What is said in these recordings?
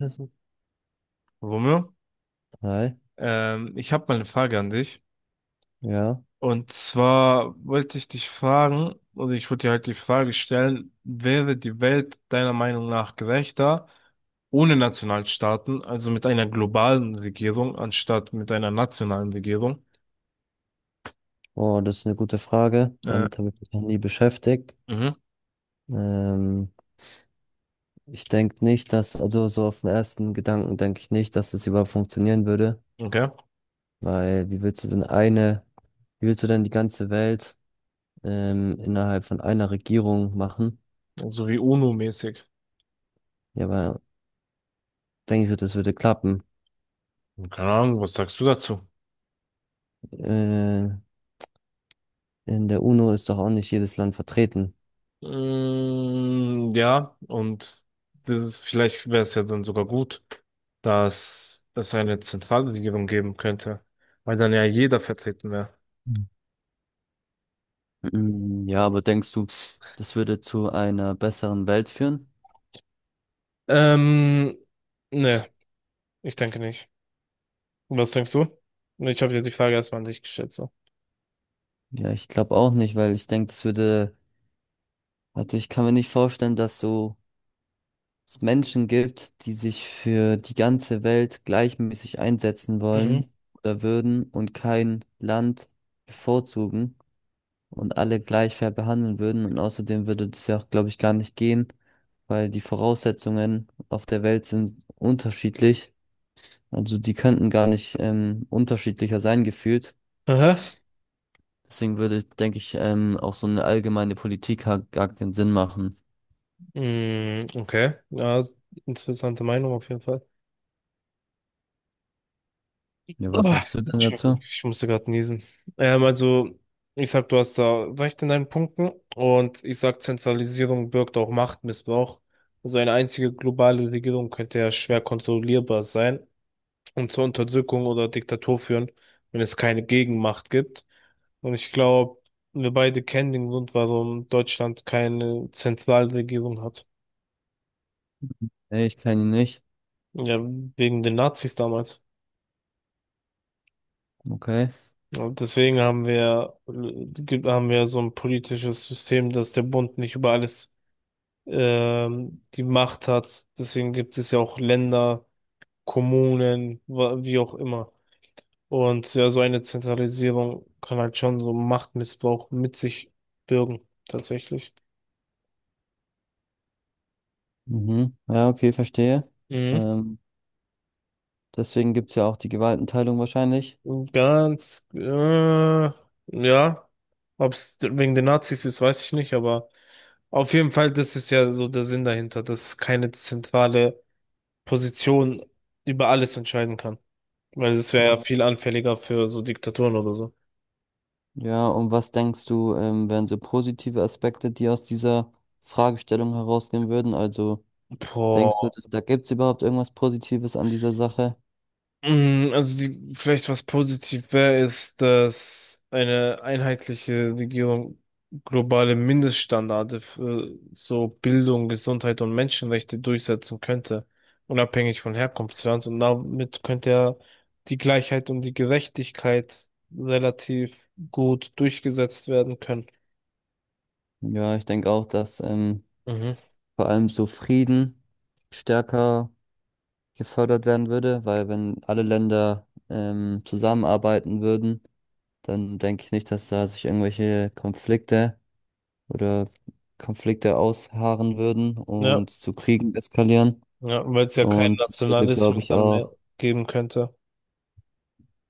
Also, Romeo, Hi, ich habe mal eine Frage an dich. ja. Und zwar wollte ich dich fragen, oder ich wollte dir halt die Frage stellen, wäre die Welt deiner Meinung nach gerechter ohne Nationalstaaten, also mit einer globalen Regierung anstatt mit einer nationalen Regierung? Oh, das ist eine gute Frage. Äh, Damit habe ich mich noch nie beschäftigt. mhm, Ähm, Ich denke nicht, dass, also so auf den ersten Gedanken denke ich nicht, dass das überhaupt funktionieren würde, okay. weil wie willst du denn eine, wie willst du denn die ganze Welt innerhalb von einer Regierung machen? So wie UNO-mäßig. Ja, aber denke ich so, das würde klappen. Keine Ahnung, was sagst du dazu? Äh, in der UNO ist doch auch nicht jedes Land vertreten. Mm, ja, und vielleicht wäre es ja dann sogar gut, dass es eine zentrale Regierung geben könnte, weil dann ja jeder vertreten wäre. Hm. Mm, ja, aber denkst du, das würde zu einer besseren Welt führen? Ähm, ne, ich denke nicht. Was denkst du? Ich habe dir die Frage erstmal an dich gestellt, so. Ja, ich glaube auch nicht, weil ich denke, das würde, also ich kann mir nicht vorstellen, dass so es Menschen gibt, die sich für die ganze Welt gleichmäßig einsetzen Mhm. wollen oder würden und kein Land bevorzugen und alle gleich fair behandeln würden. Und außerdem würde das ja auch, glaube ich, gar nicht gehen, weil die Voraussetzungen auf der Welt sind unterschiedlich. Also die könnten gar nicht unterschiedlicher sein gefühlt. Aha. Deswegen würde, denke ich, auch so eine allgemeine Politik gar keinen Sinn machen. Mm, okay. Ja, interessante Meinung auf jeden Fall. Ja, was Ah, sagst du denn Entschuldigung, dazu? ich musste gerade niesen. Also, ich sag, du hast da recht in deinen Punkten und ich sag, Zentralisierung birgt auch Machtmissbrauch. Also eine einzige globale Regierung könnte ja schwer kontrollierbar sein und zur Unterdrückung oder Diktatur führen, wenn es keine Gegenmacht gibt. Und ich glaube, wir beide kennen den Grund, warum Deutschland keine Zentralregierung hat. Ey, ich kenne ihn nicht. Ja, wegen den Nazis damals. Okay. Und deswegen haben wir, haben wir so ein politisches System, dass der Bund nicht über alles die Macht hat. Deswegen gibt es ja auch Länder, Kommunen, wie auch immer. Und ja, so eine Zentralisierung kann halt schon so Machtmissbrauch mit sich bürgen, tatsächlich. Mhm. Ja, okay, verstehe. Mhm. Ähm, Deswegen gibt's ja auch die Gewaltenteilung wahrscheinlich. Und ja, ob es wegen den Nazis ist, weiß ich nicht, aber auf jeden Fall, das ist ja so der Sinn dahinter, dass es keine zentrale Position über alles entscheiden kann. Weil es wäre ja Was, viel anfälliger für so Diktaturen oder so. ja, und was denkst du, wären so positive Aspekte, die aus dieser Fragestellung herausgehen würden? Also, denkst du, Boah. da gibt's überhaupt irgendwas Positives an dieser Sache? Mm, also die, vielleicht was positiv wäre, ist, dass eine einheitliche Regierung globale Mindeststandards für so Bildung, Gesundheit und Menschenrechte durchsetzen könnte, unabhängig von Herkunftsland. Und damit könnte ja die Gleichheit und die Gerechtigkeit relativ gut durchgesetzt werden können. Ja, ich denke auch, dass Mhm. vor allem so Frieden stärker gefördert werden würde, weil wenn alle Länder zusammenarbeiten würden, dann denke ich nicht, dass da sich irgendwelche Konflikte oder Konflikte ausharren würden Ja. und zu Kriegen eskalieren. Ja, weil es ja keinen Und das würde, glaube Nationalismus ich, dann mehr auch, geben könnte.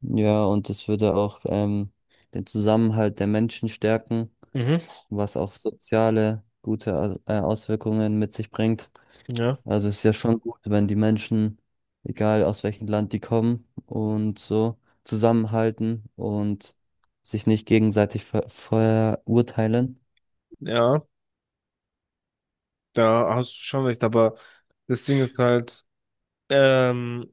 ja, und das würde auch den Zusammenhalt der Menschen stärken, Mhm. was auch soziale gute Auswirkungen mit sich bringt. Ja, Also es ist ja schon gut, wenn die Menschen, egal aus welchem Land die kommen und so, zusammenhalten und sich nicht gegenseitig verurteilen. ja, da hast du schon recht, aber das Ding ist halt, ähm,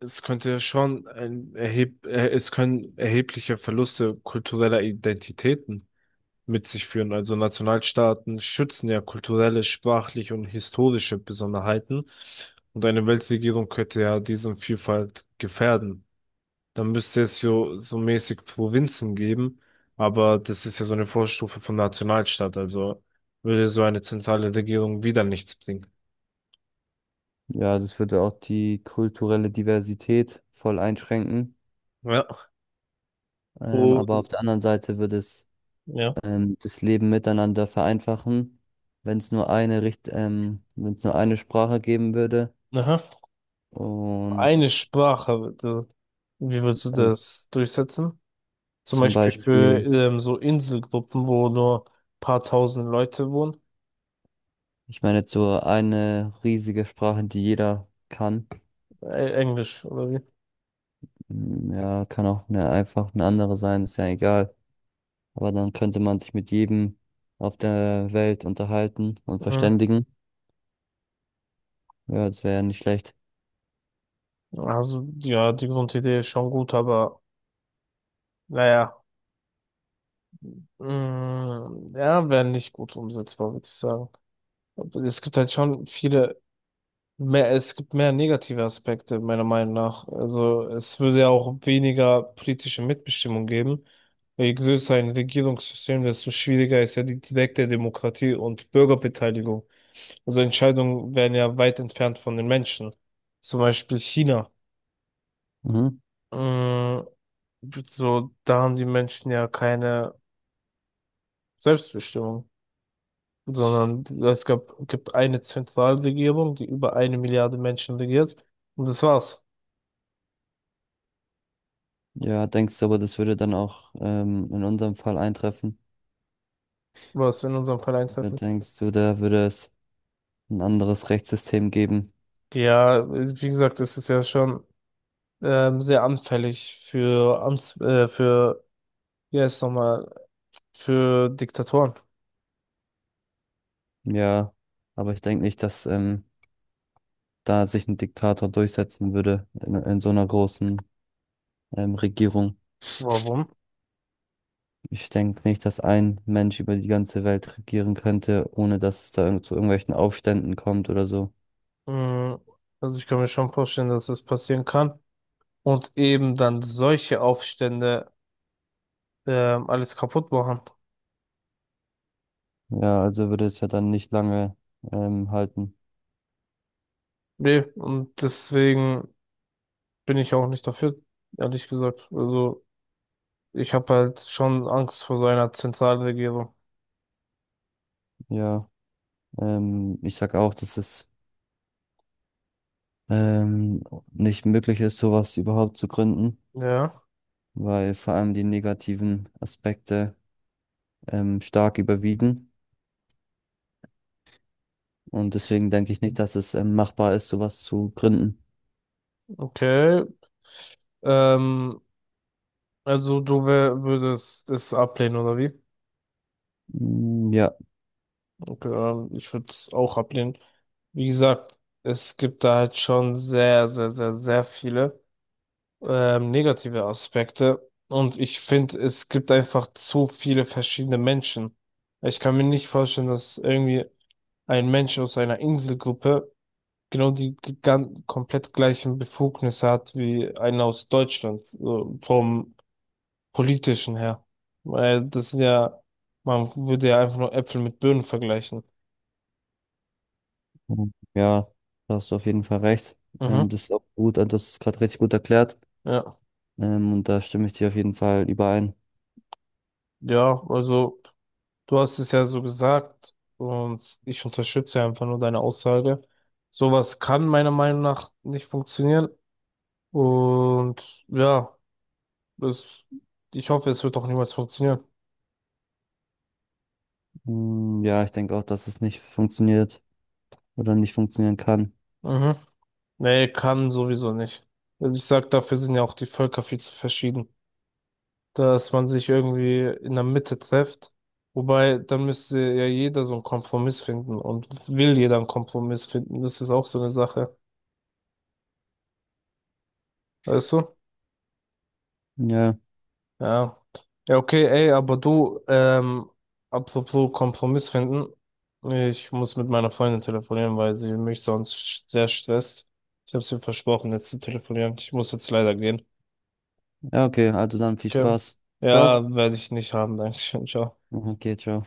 es könnte ja schon ein erheb es können erhebliche Verluste kultureller Identitäten mit sich führen. Also Nationalstaaten schützen ja kulturelle, sprachliche und historische Besonderheiten und eine Weltregierung könnte ja diesen Vielfalt gefährden. Dann müsste es so, so mäßig Provinzen geben, aber das ist ja so eine Vorstufe von Nationalstaat, also würde so eine zentrale Regierung wieder nichts bringen. Ja, das würde auch die kulturelle Diversität voll einschränken. Ja. Aber Und, auf der anderen Seite würde es ja, das Leben miteinander vereinfachen, wenn es nur eine Richt wenn es nur eine Sprache geben würde. aha. Eine Und Sprache, wie würdest du äh, das durchsetzen? Zum zum Beispiel für Beispiel, so Inselgruppen, wo nur paar tausend Leute wohnen. ich meine, jetzt so eine riesige Sprache, die jeder kann. Englisch, oder wie? Mm, ja, kann auch einfach eine andere sein, ist ja egal. Aber dann könnte man sich mit jedem auf der Welt unterhalten und Mhm. verständigen. Ja, das wäre ja nicht schlecht. Also, ja, die Grundidee ist schon gut, aber naja, mh, ja, wäre nicht gut umsetzbar, würde ich sagen. Und es gibt halt schon es gibt mehr negative Aspekte, meiner Meinung nach. Also es würde ja auch weniger politische Mitbestimmung geben. Je größer ein Regierungssystem, desto schwieriger ist ja die direkte Demokratie und Bürgerbeteiligung. Also Entscheidungen werden ja weit entfernt von den Menschen. Zum Beispiel China. Mhm. Mm, so, da haben die Menschen ja keine Selbstbestimmung, sondern gibt eine Zentralregierung, die über eine Milliarde Menschen regiert. Und das war's, Ja, denkst du aber, das würde dann auch in unserem Fall eintreffen? was in unserem Fall Oder eintreffend. denkst du, da würde es ein anderes Rechtssystem geben? Ja, wie gesagt, es ist ja schon sehr anfällig für für, wie heißt es nochmal, für Diktatoren. Ja, aber ich denke nicht, dass da sich ein Diktator durchsetzen würde in so einer großen Regierung. Warum? Ich denke nicht, dass ein Mensch über die ganze Welt regieren könnte, ohne dass es da irgend zu irgendwelchen Aufständen kommt oder so. Mm, also ich kann mir schon vorstellen, dass das passieren kann. Und eben dann solche Aufstände alles kaputt machen. Ja, also würde es ja dann nicht lange halten. Nee, und deswegen bin ich auch nicht dafür, ehrlich gesagt. Also ich habe halt schon Angst vor so einer Zentralregierung. Ja, ich sag auch, dass es ähm, nicht möglich ist, sowas überhaupt zu gründen, Ja, weil vor allem die negativen Aspekte stark überwiegen. Und deswegen denke ich nicht, dass es machbar ist, sowas zu gründen. okay. Ähm, würdest es ablehnen, oder wie? Mm, ja, Okay, ich würde es auch ablehnen. Wie gesagt, es gibt da halt schon sehr, sehr, sehr, sehr viele negative Aspekte. Und ich finde, es gibt einfach zu viele verschiedene Menschen. Ich kann mir nicht vorstellen, dass irgendwie ein Mensch aus einer Inselgruppe genau die komplett gleichen Befugnisse hat wie einer aus Deutschland, so vom politischen her. Weil das sind ja, man würde ja einfach nur Äpfel mit Birnen vergleichen. ja, da hast du auf jeden Fall recht. Mhm. Das ist auch gut, also das ist gerade richtig gut erklärt. Ja. Und da stimme ich dir auf jeden Fall überein. Ja, also du hast es ja so gesagt und ich unterstütze einfach nur deine Aussage. Sowas kann meiner Meinung nach nicht funktionieren und ja, das, ich hoffe, es wird auch niemals funktionieren. Mm, ja, ich denke auch, dass es nicht funktioniert oder nicht funktionieren kann. Mhm. Nee, kann sowieso nicht. Also ich sag, dafür sind ja auch die Völker viel zu verschieden, dass man sich irgendwie in der Mitte trifft. Wobei, dann müsste ja jeder so einen Kompromiss finden und will jeder einen Kompromiss finden. Das ist auch so eine Sache. Weißt du? Ja, Ja. Ja, okay, ey, aber du, apropos Kompromiss finden. Ich muss mit meiner Freundin telefonieren, weil sie mich sonst sehr stresst. Ich habe ihr versprochen, jetzt zu telefonieren. Ich muss jetzt leider gehen. ja, okay, also dann viel Okay. Spaß. Ja, Ciao. werde ich nicht haben. Dankeschön. Ciao. Okay, ciao.